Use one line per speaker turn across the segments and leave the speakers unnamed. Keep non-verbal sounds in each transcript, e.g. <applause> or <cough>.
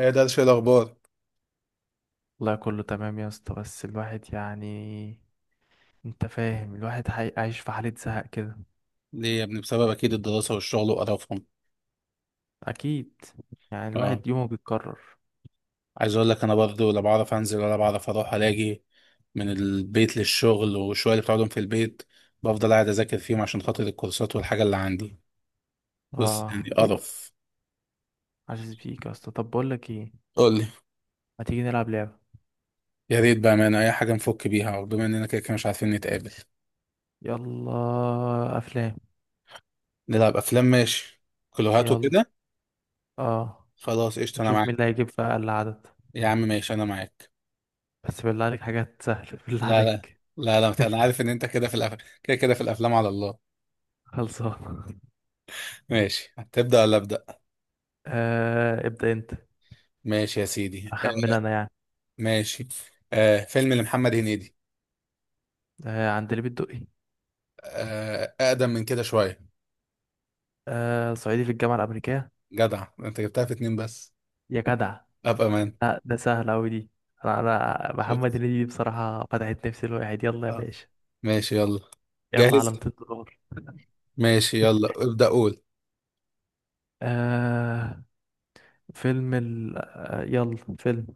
ايه ده؟ شيء الاخبار.
والله كله تمام يا اسطى، بس الواحد يعني، انت فاهم؟ الواحد عايش في حالة زهق كده.
ليه يا ابني؟ بسبب اكيد الدراسه والشغل وقرفهم.
اكيد، يعني
اه.
الواحد يومه بيتكرر.
عايز اقول لك انا برضو لا بعرف انزل ولا بعرف اروح. الاقي من البيت للشغل، والشويه اللي بتقعدهم في البيت بفضل قاعد اذاكر فيهم عشان خاطر الكورسات والحاجه اللي عندي. بص
اه،
يعني
قول.
قرف.
عزيز بيك يا اسطى. طب بقول لك ايه،
قول لي.
ما تيجي نلعب لعبة؟
يا ريت بامانه، اي حاجه نفك بيها، وبما اننا كده كده مش عارفين نتقابل.
يلا افلام.
نلعب افلام، ماشي. كلوهات
يلا
وكده.
اه،
خلاص قشطه، انا
نشوف مين
معاك.
اللي هيجيب في اقل عدد.
يا عم ماشي انا معاك.
بس بالله عليك حاجات سهلة، <laughs> بالله
لا لا.
عليك.
لا لا انا
<laughs>
عارف ان انت كده في كده كده في الافلام، على الله.
خلصان.
ماشي، هتبدا ولا ابدا؟
آه، ابدأ انت.
ماشي يا سيدي، آه.
اخمن انا يعني.
ماشي. آه، فيلم لمحمد هنيدي.
آه، عند اللي بتدقي.
آه، أقدم من كده شوية.
آه، صعيدي في الجامعة الأمريكية.
جدع أنت، جبتها في اتنين بس.
يا جدع.
أبقى مان.
لا ده سهل أوي دي. أنا محمد
شفت؟
هنيدي دي بصراحة فتحت نفسي، الواحد يلا يا
آه.
باشا.
ماشي يلا.
يلا
جاهز.
على $200. <laughs>
ماشي يلا ابدأ قول.
آه فيلم ال آه يلا فيلم.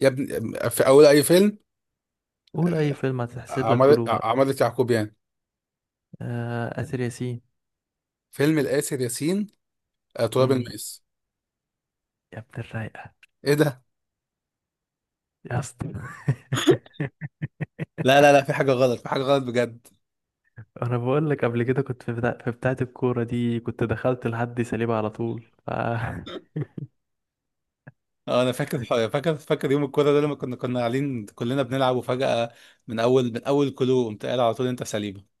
يا ابني في أول أي فيلم.
قول أي فيلم هتحسب لك
عمارة
كله بقى.
عمارة يعقوبيان.
آه آسر ياسين.
فيلم الآسر ياسين. آه، تراب
مم.
الماس.
يا ابن الرايقة.
إيه ده؟
يا اسطى <laughs>
لا لا لا، في حاجة غلط، في حاجة غلط بجد.
أنا بقول لك قبل كده كنت في بتاعة الكورة دي، كنت دخلت لحد سليبة على طول، ف <laughs>
اه انا فاكر. فاكر. فاكر يوم الكورة ده، لما كنا قاعدين كلنا بنلعب، وفجأة من اول كلو قمت قايل على طول انت سليبة.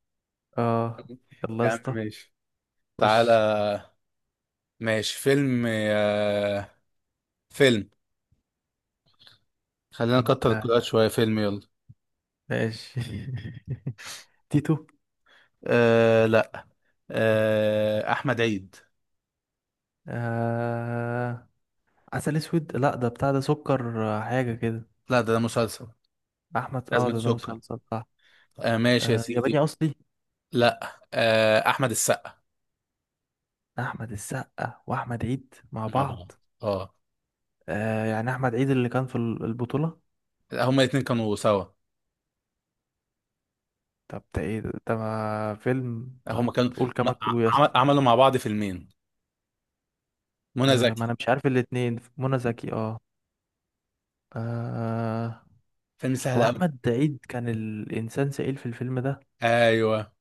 آه يلا يا
يا عم
اسطى.
ماشي. تعالى.
خش.
ماشي، فيلم. آه، فيلم. خلينا
أنت.
نكتر الكلوات شوية. فيلم يلا.
ماشي. <laughs> تيتو.
آه لا. آه، أحمد عيد.
آه... عسل اسود. لا ده بتاع، ده سكر آه، حاجه كده.
لا ده مسلسل.
احمد اه
أزمة
ده
سكر.
مسلسل صح.
آه ماشي يا
ياباني
سيدي.
اصلي.
لا، آه، أحمد السقا.
احمد السقا واحمد عيد مع
مع بعض.
بعض.
اه.
يعني احمد عيد اللي كان في البطوله.
لا، هما الاتنين كانوا سوا.
طب ده ايه ده ما فيلم طب.
هما كانوا.
قول
م-
كمان كله يا اسطى.
عملوا مع بعض فيلمين. منى
آه، ما
زكي.
انا مش عارف الاتنين، منى زكي اه. آه.
فيلم سهل
هو
أوي.
احمد عيد كان الانسان سئيل في الفيلم ده.
أيوه.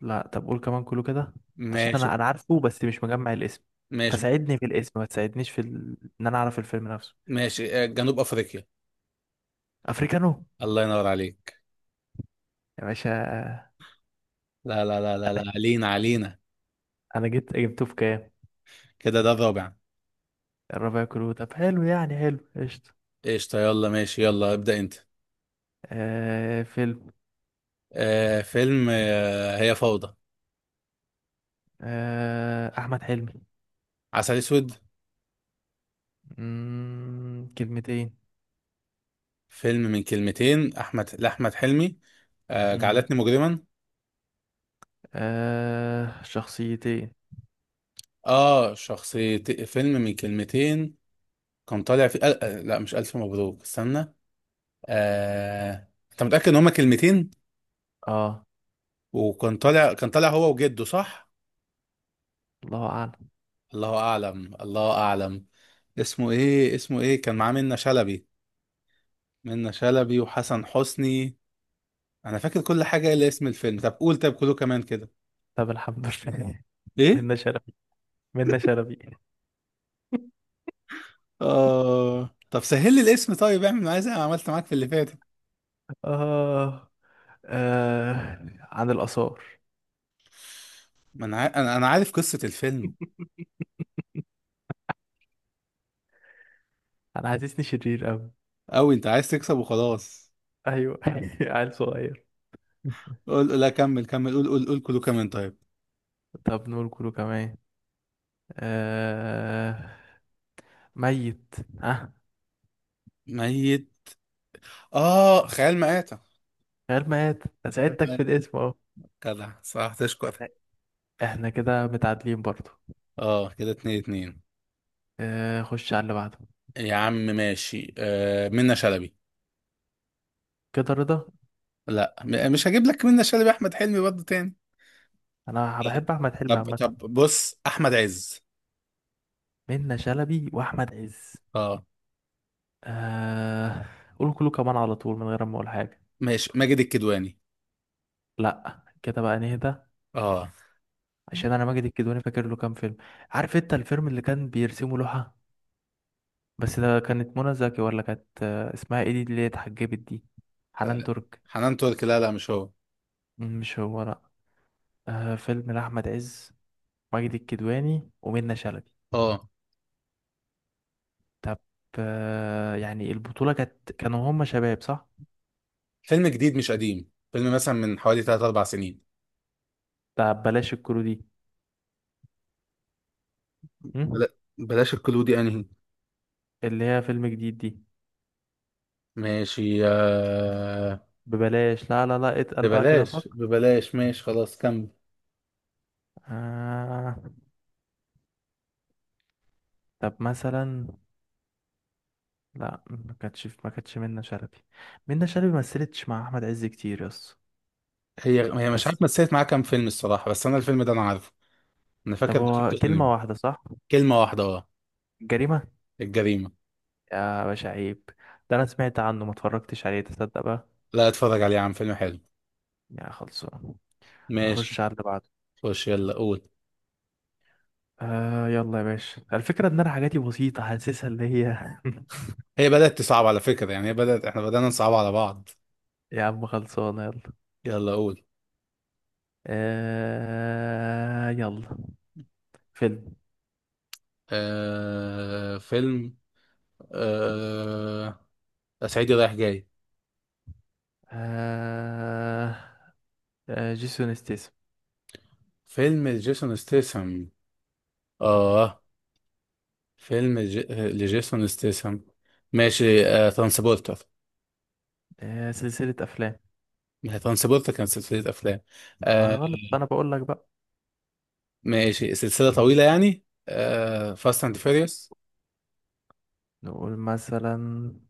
لا طب قول كمان كله كده. عشان
ماشي.
انا عارفه بس مش مجمع الاسم.
ماشي.
فساعدني في الاسم، ما تساعدنيش في ان انا اعرف الفيلم نفسه.
ماشي، آه، جنوب أفريقيا.
افريكانو.
الله ينور عليك.
يا باشا.
لا لا لا لا،
انا.
لا. علينا علينا.
أنا جيت جبته في كام؟
كده ده الرابع.
الربع كله طب، حلو يعني، حلو قشطة.
قشطة يلا ماشي، يلا ابدأ انت.
آه فيلم.
آه، فيلم. آه، هي فوضى.
آه احمد حلمي.
عسل اسود.
كلمتين.
فيلم من كلمتين احمد لاحمد حلمي. آه،
مم...
جعلتني مجرما.
آه شخصيتين.
اه، شخصية فيلم من كلمتين. كان طالع في آه، لا، مش الف مبروك. استنى. آه، انت متأكد ان هما كلمتين؟
اه.
وكان طالع، كان طالع هو وجده، صح؟
الله اعلم.
الله اعلم. الله اعلم. اسمه ايه؟ اسمه ايه؟ كان معاه منة شلبي. منة شلبي وحسن حسني. انا فاكر كل حاجه الا اسم الفيلم. طب قول، طب كله كمان كده.
طب الحمد لله. <laughs>
ايه؟
منا شرفي. منا شرفي.
اه، طب سهل لي الاسم. طيب اعمل معايا زي ما عملت معاك في اللي فاتت.
آه. آه عن الآثار.
ما انا عا- انا أنا عارف قصه الفيلم.
انا حاسسني شرير قوي.
اوي، انت عايز تكسب وخلاص.
ايوه. <laughs> عيل صغير.
قول لا، كمل كمل، قول قول قول كله كمان طيب.
طب نقول كله كمان. آه... ميت. ها.
ميت. اه، خيال مآتة.
غير ميت، أنا
خيال
ساعدتك في
مآتة.
الاسم اهو.
كده صح، تشكر.
احنا. احنا كده متعادلين برضو.
اه كده اتنين اتنين.
خش على اللي بعده.
يا عم ماشي، آه، منة شلبي.
كده رضا.
لا، مش هجيب لك منة شلبي، احمد حلمي برضه تاني.
انا
<laughs>
بحب احمد حلمي
طب
عامه.
طب بص، احمد عز.
منة شلبي واحمد عز.
اه.
آه... قول كله كمان على طول من غير ما اقول حاجه.
ماشي، ماجد الكدواني.
لا كده بقى نهدى.
اه.
عشان انا ماجد الكدواني فاكر له كام فيلم. عارف انت الفيلم اللي كان بيرسمه لوحه؟ بس ده كانت منى زكي ولا كانت آه، اسمها ايه دي اللي هي اتحجبت دي، حنان ترك؟
حنان ترك. لا لا، مش هو.
مم، مش هو لا. آه فيلم لأحمد عز، ماجد الكدواني ومنى شلبي.
اه.
طب. آه يعني البطولة كانت، كانوا هما شباب صح؟
فيلم جديد مش قديم، فيلم مثلا من حوالي 3 4 سنين.
طب بلاش الكرو دي. مم؟
بلا... بلاش الكلو دي، انهي؟
اللي هي فيلم جديد دي.
ماشي آه.
ببلاش لا لا لا، اتقل بقى كده فك.
ببلاش ببلاش ماشي خلاص، كمل.
آه طب مثلا. لا ما كانتش منى شلبي. منى شلبي ما مثلتش مع احمد عز كتير يس
هي هي مش
بس.
عارف مثلت معاه كام فيلم الصراحة، بس انا الفيلم ده انا عارفه. انا
طب
فاكر
هو
دخلته
كلمة
سينما.
واحدة صح؟
كلمة واحدة، اه.
جريمة.
الجريمة.
يا باشا عيب. ده أنا سمعت عنه، ما اتفرجتش عليه تصدق بقى.
لا، اتفرج عليه يا عم، فيلم حلو.
يا خلصان.
ماشي.
نخش على اللي بعده.
خش يلا قول.
آه يلا يا باشا، الفكرة إن أنا حاجاتي بسيطة حاسسها اللي هي <laughs>
هي بدأت تصعب على فكرة، يعني هي بدأت، احنا بدأنا نصعب على بعض.
يا عم خلصانة يلا.
يلا قول.
آه يلا. فيلم.
آه، فيلم. آه، صعيدي رايح جاي.
آه. آه جيسون ستيسم.
فيلم لجيسون ستيسم. اه، فيلم لجيسون ستيسم. ماشي، آه، ترانسبورتر.
آه سلسلة أفلام.
ما هي ترانسبورتر كانت سلسلة أفلام.
ما
آه.
غلط، أنا بقول لك بقى.
ماشي، سلسلة طويلة يعني. آه، فاست أند فيريوس.
نقول مثلا.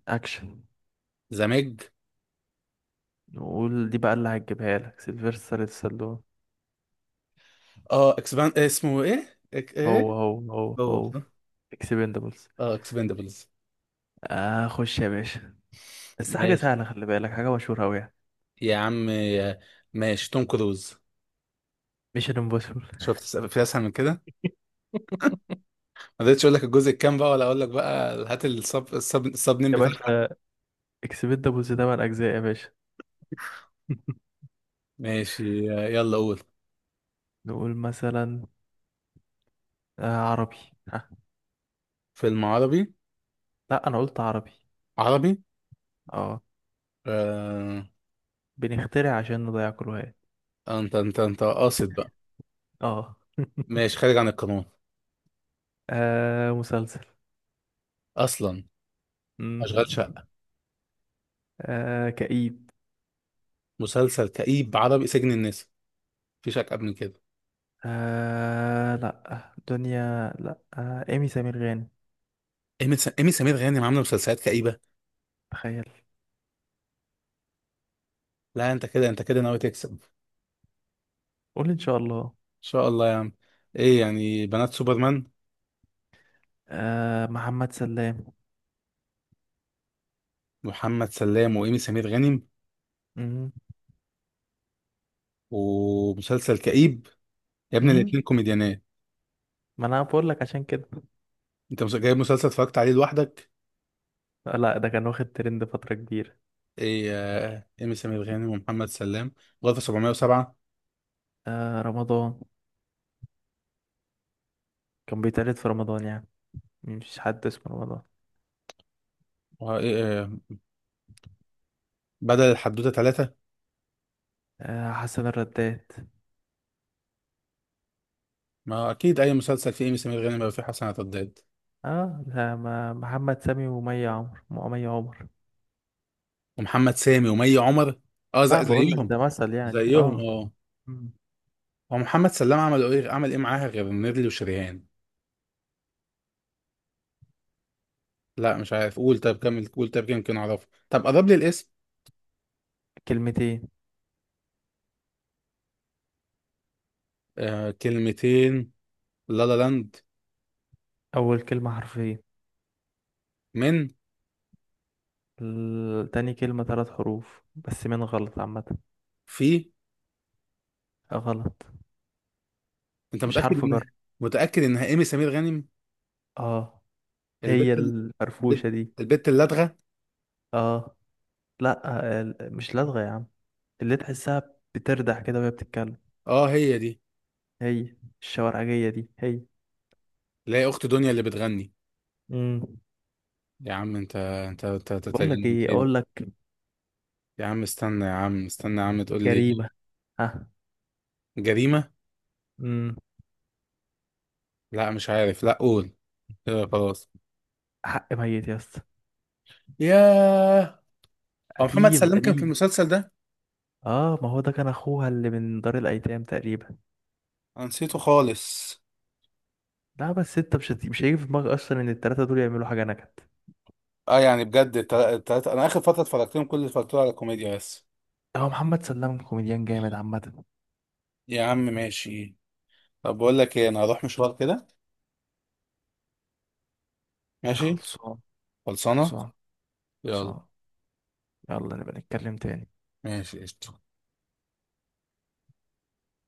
أكشن.
ذا ميج.
نقول دي بقى اللي هتجيبها لك، سيلفستر ستالون.
اه، اكسبان، اسمه ايه؟
هو
ايه؟
هو هو
هو
هو
ده.
اكسبندبلز.
اه، اكسبندبلز.
آه خش يا باشا. بس حاجة
ماشي.
سهلة، خلي بالك حاجة مشهورة أوي يعني.
يا عم آه. ماشي، توم كروز.
ميشن امبوسيبل.
شفت في أسهل من كده؟
<laughs>
ما قدرتش اقول لك الجزء الكام بقى، ولا اقول لك بقى هات السب نيم
يا
بتاعها.
باشا، اكسبت ده بوز تمن أجزاء يا باشا. <laughs>
ماشي يلا قول.
نقول مثلا. آه عربي. ها.
فيلم. عربي.
لا أنا قلت عربي.
عربي
اه.
آه.
بنخترع عشان نضيع كل واحد.
انت قاصد بقى.
اه <laughs>
ماشي، خارج عن القانون.
آه مسلسل.
اصلا.
مم.
اشغال شقه.
آه كئيب.
مسلسل كئيب، عربي، سجن الناس، مفيش اكئب من كده.
آه لا دنيا لا، آه إيمي سمير غانم.
إيمي سمير غانم عامله مسلسلات كئيبه.
تخيل.
لا، انت كده، انت كده ناوي تكسب. ان
قول إن شاء الله.
شاء الله يا عم. ايه يعني؟ بنات سوبرمان.
آه محمد سلام.
محمد سلام وايمي سمير غانم.
مم.
ومسلسل كئيب. يا ابني الاتنين
مم.
كوميديانات.
ما أنا بقول لك عشان كده.
انت جايب مسلسل اتفرجت عليه لوحدك؟
آه، لا ده كان واخد ترند فترة كبيرة.
ايه. آه، ايمي سمير غانم ومحمد سلام. غرفة 707.
آه رمضان. كان بيتقلد في رمضان يعني، مش حد اسمه رمضان.
آه، بدل الحدوتة ثلاثة.
آه حسن الرداد.
ما اكيد اي مسلسل فيه ايمي سمير غانم يبقى فيه حسن عتاد.
اه ده ما محمد سامي ومي عمر.
ومحمد سامي ومي عمر. اه،
لا بقول لك
زيهم
ده مثل يعني
زيهم
اه.
اه.
مم.
هو محمد سلام عمل ايه، معاها غير نيرلي وشريهان؟ لا مش عارف. قول، طب كمل قول، طب يمكن اعرفه، طب قرب لي الاسم.
كلمتين.
آه، كلمتين. لا لا لاند.
اول كلمة حرفين.
من.
تاني كلمة ثلاث حروف بس من غلط عامة.
في.
غلط.
انت
مش
متأكد
حرف جر.
ان، متأكد انها ايمي سمير غانم؟
اه. هي
البت.
الفرفوشة
البت.
دي.
البت اللدغة.
اه. لا آه، مش لدغة يا عم، اللي تحسها بتردح كده وهي بتتكلم.
اه هي دي.
هي الشوارعجية دي هي.
اللي هي اخت دنيا اللي بتغني.
امم.
يا عم انت أنت
بقول لك
تتجنن
ايه،
كده.
اقول لك.
يا عم استنى، يا عم استنى، يا عم تقول لي.
جريمة. ها.
جريمة.
امم.
لا مش عارف، لا قول. كده خلاص.
حق ميت يا اسطى.
ياه. هو محمد
قديم
سلام كان في
قديم.
المسلسل ده؟
اه ما هو ده كان اخوها اللي من دار الايتام تقريبا.
انا نسيته خالص.
لا بس انت مش هيجي في دماغك اصلا ان التلاتة دول يعملوا حاجة نكد.
اه يعني بجد التلاتة انا اخر فترة اتفرجت لهم، كل اللي اتفرجت له على كوميديا بس.
هو محمد سلام كوميديان جامد عامة.
يا عم ماشي. طب بقول لك ايه، انا هروح مشوار كده.
يا
ماشي.
خلصان.
خلصانة.
خلصان.
يلا.
خلصان. يلا نبقى نتكلم تاني.
ماشي قشطة.